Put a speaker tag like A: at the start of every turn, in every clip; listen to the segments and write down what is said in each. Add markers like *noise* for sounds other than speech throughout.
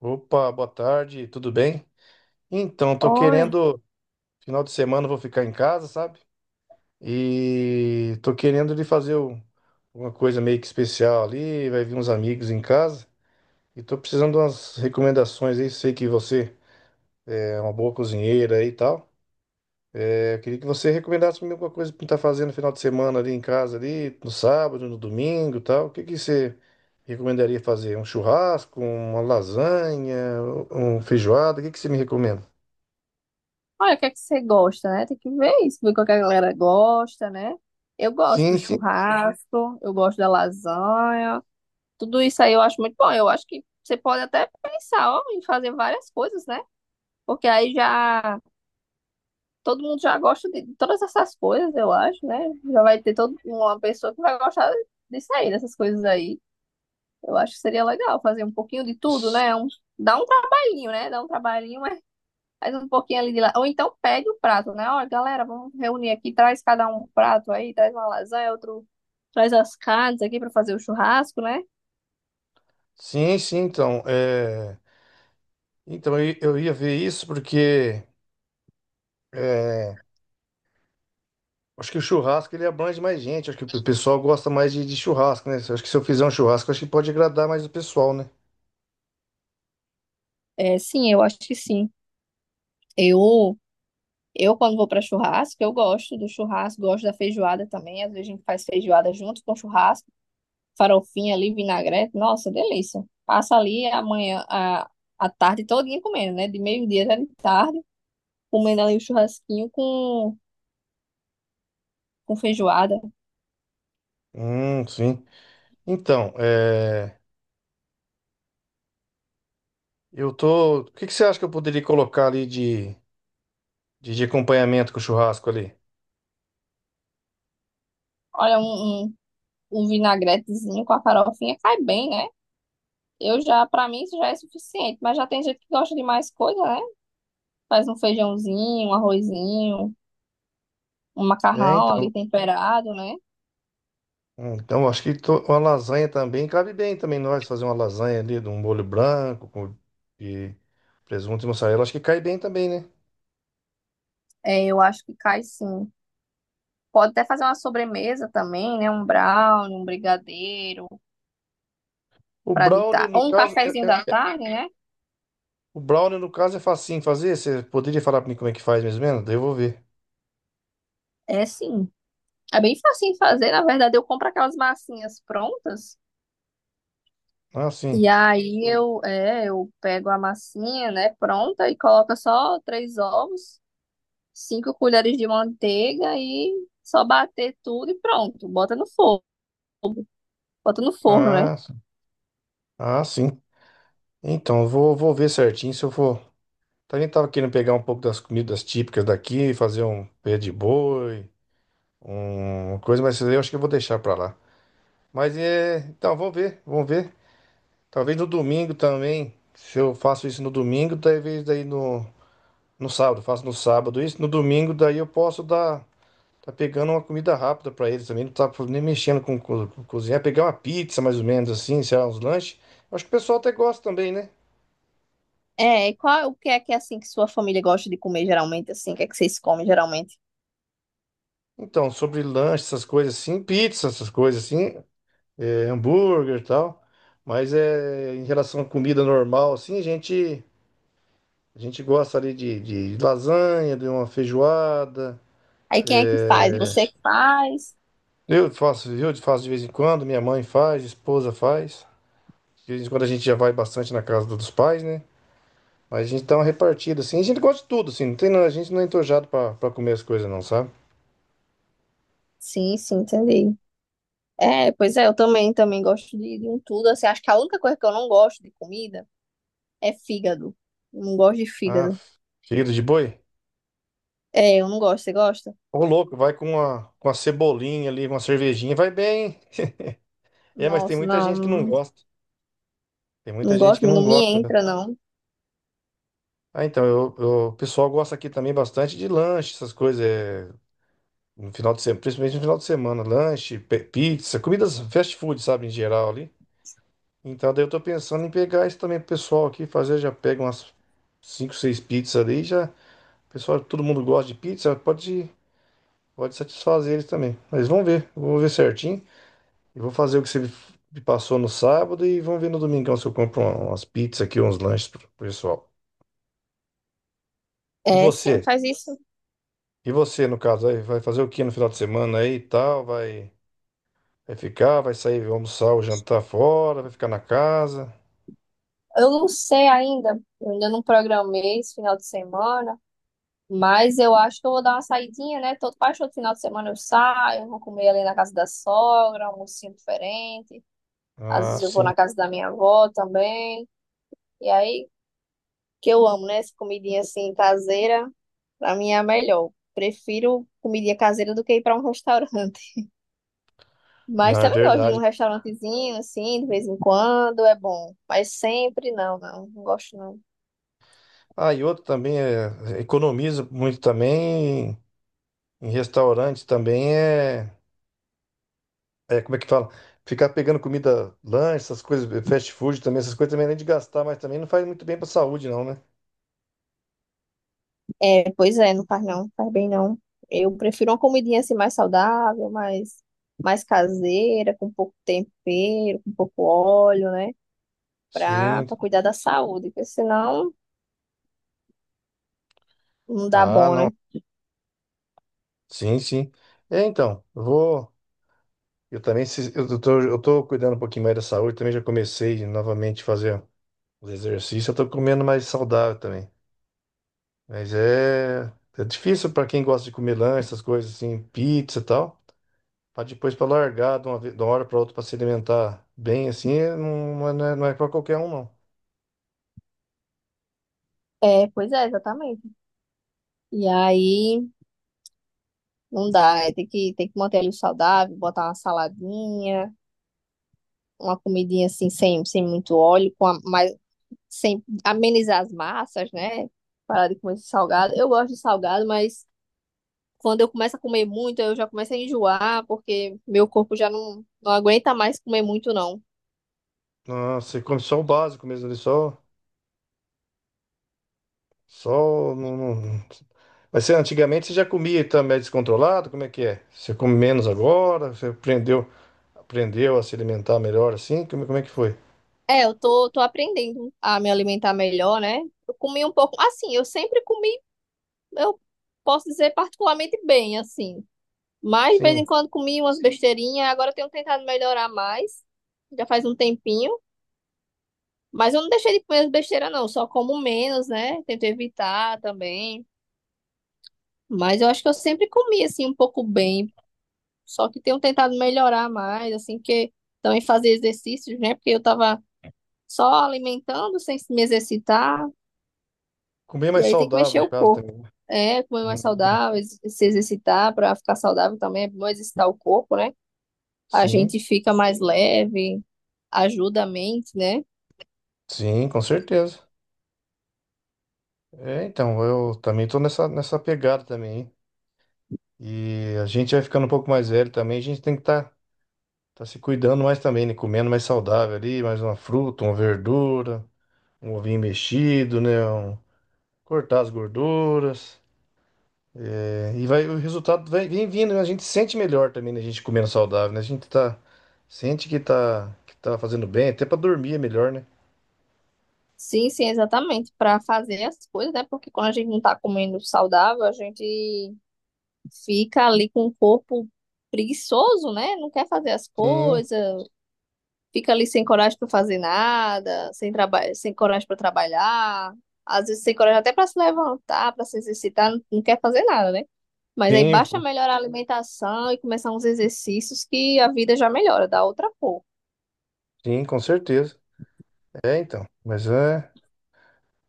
A: Opa, boa tarde, tudo bem? Então, tô
B: Olha,
A: querendo, final de semana eu vou ficar em casa, sabe? E tô querendo de fazer uma coisa meio que especial ali, vai vir uns amigos em casa. E tô precisando de umas recomendações aí, sei que você é uma boa cozinheira aí e tal. Eu queria que você recomendasse pra mim alguma coisa pra estar fazendo no final de semana ali em casa, ali, no sábado, no domingo e tal. O que que você recomendaria fazer? Um churrasco, uma lasanha, um feijoada? O que que você me recomenda?
B: olha, o que é que você gosta, né? Tem que ver isso, ver o que a galera gosta, né? Eu gosto do
A: Sim, sim.
B: churrasco, eu gosto da lasanha, tudo isso aí eu acho muito bom. Eu acho que você pode até pensar, ó, em fazer várias coisas, né? Porque aí já todo mundo já gosta de todas essas coisas, eu acho, né? Já vai ter toda uma pessoa que vai gostar disso aí, dessas coisas aí. Eu acho que seria legal fazer um pouquinho de tudo,
A: S-
B: né? Dá um trabalhinho, né? Dá um trabalhinho, faz um pouquinho ali de lá. Ou então pede o prato, né? Olha, galera, vamos reunir aqui, traz cada um um prato aí, traz uma lasanha, outro traz as carnes aqui para fazer o churrasco, né?
A: Sim, sim, então. Então eu ia ver isso porque é, acho que o churrasco ele abrange mais gente. Acho que o pessoal gosta mais de churrasco, né? Acho que se eu fizer um churrasco, acho que pode agradar mais o pessoal, né?
B: É, sim, eu acho que sim. Eu, eu quando vou para churrasco, eu gosto do churrasco, gosto da feijoada também. Às vezes a gente faz feijoada junto com churrasco, farofinha ali, vinagrete. Nossa, delícia. Passa ali amanhã, a tarde todinha comendo, né? De meio-dia até de tarde, comendo ali o churrasquinho com feijoada.
A: Sim. Então, eu tô. O que que você acha que eu poderia colocar ali de acompanhamento com o churrasco ali?
B: Olha, um vinagretezinho com a farofinha cai bem, né? Eu já, pra mim, isso já é suficiente. Mas já tem gente que gosta de mais coisa, né? Faz um feijãozinho, um arrozinho, um
A: É,
B: macarrão
A: então.
B: ali temperado, né?
A: Então, uma lasanha também cabe bem também nós fazer uma lasanha ali de um molho branco com e presunto e mussarela. Acho que cai bem também, né?
B: É, eu acho que cai sim. Pode até fazer uma sobremesa também, né? Um brownie, um brigadeiro
A: O
B: pra
A: brownie,
B: ditar.
A: no
B: Ou um
A: caso,
B: cafezinho
A: é,
B: da
A: é-
B: tarde, né?
A: o brownie, no caso, é facinho fazer. Você poderia falar para mim como é que faz mais ou menos? Daí eu vou ver.
B: É, sim. É bem facinho de fazer. Na verdade, eu compro aquelas massinhas prontas.
A: Ah, sim.
B: E aí eu pego a massinha, né, pronta e coloco só três ovos, 5 colheres de manteiga e só bater tudo e pronto. Bota no forno, né?
A: Ah, sim. Ah, sim. Então, vou ver certinho se eu for. Também tava querendo pegar um pouco das comidas típicas daqui, fazer um pé de boi, uma coisa, mas isso aí eu acho que eu vou deixar para lá. Mas é, então, vamos ver. Talvez no domingo também, se eu faço isso no domingo, talvez daí no, no sábado, faço no sábado isso, no domingo daí eu posso dar. Tá pegando uma comida rápida pra eles também, não tá nem mexendo com cozinhar. Pegar uma pizza, mais ou menos assim, sei lá, uns lanches. Acho que o pessoal até gosta também, né?
B: É, e qual, o que é assim que sua família gosta de comer geralmente assim? O que é que vocês comem geralmente?
A: Então, sobre lanche, essas coisas assim, pizza, essas coisas assim, hambúrguer e tal. Mas é, em relação à comida normal, assim, a gente gosta ali de lasanha, de uma feijoada.
B: Aí quem é que faz? Você que faz?
A: Eu faço de vez em quando, minha mãe faz, esposa faz. De vez em quando a gente já vai bastante na casa dos pais, né? Mas a gente dá uma repartida, assim. A gente gosta de tudo, assim. Não tem, a gente não é entojado pra comer as coisas, não, sabe?
B: Sim, sim, entendi. É, pois é, eu também gosto de um tudo assim. Acho que a única coisa que eu não gosto de comida é fígado. Eu não gosto de
A: Ah,
B: fígado.
A: filho de boi.
B: É, eu não gosto. Você gosta?
A: Ô, louco, vai com uma cebolinha ali, uma cervejinha, vai bem, hein? É, mas tem
B: Nossa,
A: muita
B: não,
A: gente que não
B: não
A: gosta. Tem muita
B: não
A: gente que
B: gosto,
A: não
B: não me
A: gosta, né?
B: entra, não.
A: Ah, então, o pessoal gosta aqui também bastante de lanche, essas coisas. É, no final de semana, principalmente no final de semana. Lanche, pizza, comidas fast food, sabe, em geral ali. Então, daí eu tô pensando em pegar isso também pro pessoal aqui, fazer, já pega umas cinco, seis pizzas ali e já. Pessoal, todo mundo gosta de pizza, pode satisfazer eles também. Mas vamos ver, eu vou ver certinho. E vou fazer o que você me passou no sábado e vamos ver no domingão se eu compro umas pizzas aqui, uns lanches pro pessoal. E
B: É, sim,
A: você?
B: faz isso.
A: E você, no caso, aí, vai fazer o que no final de semana aí e tal? Vai ficar, vai sair, vai almoçar ou jantar fora, vai ficar na casa?
B: Eu não sei ainda, eu ainda não programei esse final de semana, mas eu acho que eu vou dar uma saidinha, né? Todo, quase todo final de semana eu saio, eu vou comer ali na casa da sogra, um almocinho diferente. Às
A: Ah,
B: vezes eu vou
A: sim.
B: na casa da minha avó também. E aí, que eu amo, né? Essa comidinha assim caseira, pra mim é a melhor. Prefiro comidinha caseira do que ir pra um *laughs* restaurante.
A: Não,
B: Mas
A: é
B: também gosto de ir num
A: verdade.
B: restaurantezinho, assim, de vez em quando, é bom. Mas sempre não, não, não gosto não.
A: Ah, e outro também é, economiza muito também em restaurantes também é. É, como é que fala? Ficar pegando comida, lanche, essas coisas, fast food também, essas coisas também, além de gastar, mas também não faz muito bem pra saúde, não, né?
B: É, pois é, não faz não, faz bem não. Eu prefiro uma comidinha assim mais saudável, mais, mais caseira, com pouco tempero, com pouco óleo, né?
A: Sim.
B: Pra cuidar da saúde, porque senão não dá
A: Ah,
B: bom,
A: não.
B: né?
A: Sim, sim. É, então, eu vou. Eu também, eu tô cuidando um pouquinho mais da saúde, também já comecei novamente a fazer os exercícios, eu tô comendo mais saudável também. Mas é, é difícil pra quem gosta de comer lanche, essas coisas assim, pizza e tal. Pra depois pra largar de uma hora pra outra pra se alimentar bem assim, não é pra qualquer um, não.
B: É, pois é, exatamente. E aí não dá, é, tem que manter ali o saudável, botar uma saladinha, uma comidinha assim, sem, sem muito óleo, com a, mais, sem amenizar as massas, né? Parar de comer esse salgado. Eu gosto de salgado, mas quando eu começo a comer muito, eu já começo a enjoar, porque meu corpo já não, não aguenta mais comer muito, não.
A: Ah, você come só o básico mesmo ali, só. Só. Não, não... Mas você, antigamente você já comia também descontrolado? Como é que é? Você come menos agora? Aprendeu a se alimentar melhor assim? Como é que foi?
B: É, tô aprendendo a me alimentar melhor, né? Eu comi um pouco. Assim, eu sempre comi, eu posso dizer particularmente bem, assim. Mas de vez em
A: Sim.
B: quando comi umas besteirinhas, agora eu tenho tentado melhorar mais. Já faz um tempinho. Mas eu não deixei de comer as besteiras, não. Só como menos, né? Tento evitar também. Mas eu acho que eu sempre comi assim um pouco bem, só que tenho tentado melhorar mais, assim que também fazer exercícios, né? Porque eu tava só alimentando sem me exercitar,
A: Comer
B: e
A: mais
B: aí tem que
A: saudável,
B: mexer
A: no
B: o
A: caso
B: corpo.
A: também.
B: É, comer mais
A: Hum,
B: saudável, se exercitar para ficar saudável também é bom exercitar o corpo, né? A
A: Sim,
B: gente fica mais leve, ajuda a mente, né?
A: sim, com certeza. É, então, eu também tô nessa pegada também, hein? E a gente vai ficando um pouco mais velho também, a gente tem que tá se cuidando mais também, né? Comendo mais saudável ali, mais uma fruta, uma verdura, um ovinho mexido, né? um- cortar as gorduras. É, e vai, o resultado vai, vem vindo, né? A gente sente melhor também, né? A gente comendo saudável, né? Sente que tá fazendo bem, até pra dormir é melhor, né?
B: Sim, sim, exatamente, para fazer as coisas, né? Porque quando a gente não tá comendo saudável, a gente fica ali com o corpo preguiçoso, né? Não quer fazer as
A: Sim,
B: coisas, fica ali sem coragem para fazer nada, sem trabalho, sem coragem para trabalhar, às vezes sem coragem até para se levantar, para se exercitar, não, não quer fazer nada, né? Mas aí
A: sim,
B: basta
A: pô,
B: melhorar a alimentação e começar uns exercícios que a vida já melhora, dá outra cor.
A: sim, com certeza. É, então. Mas é.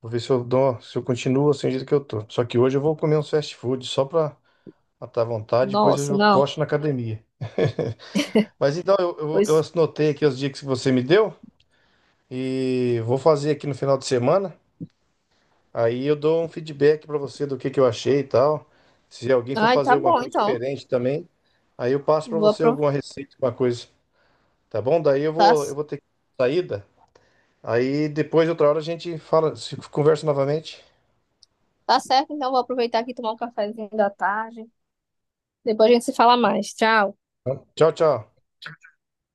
A: Vou ver se eu dou, se eu continuo assim do jeito que eu tô. Só que hoje eu vou comer uns fast food só pra matar a vontade, depois
B: Nossa,
A: eu
B: não.
A: cocho na academia. *laughs* Mas então, eu
B: Pois,
A: anotei aqui os dias que você me deu e vou fazer aqui no final de semana. Aí eu dou um feedback para você do que eu achei e tal. Se alguém for
B: ai,
A: fazer
B: tá
A: alguma
B: bom,
A: coisa
B: então.
A: diferente também, aí eu passo para
B: Vou
A: você
B: aproveitar.
A: alguma receita, alguma coisa, tá bom? Daí
B: Tá,
A: eu vou ter que saída. Aí depois outra hora a gente fala, se conversa novamente.
B: tá certo, então vou aproveitar aqui e tomar um cafezinho da tarde. Depois a gente se fala mais. Tchau.
A: Tchau, tchau.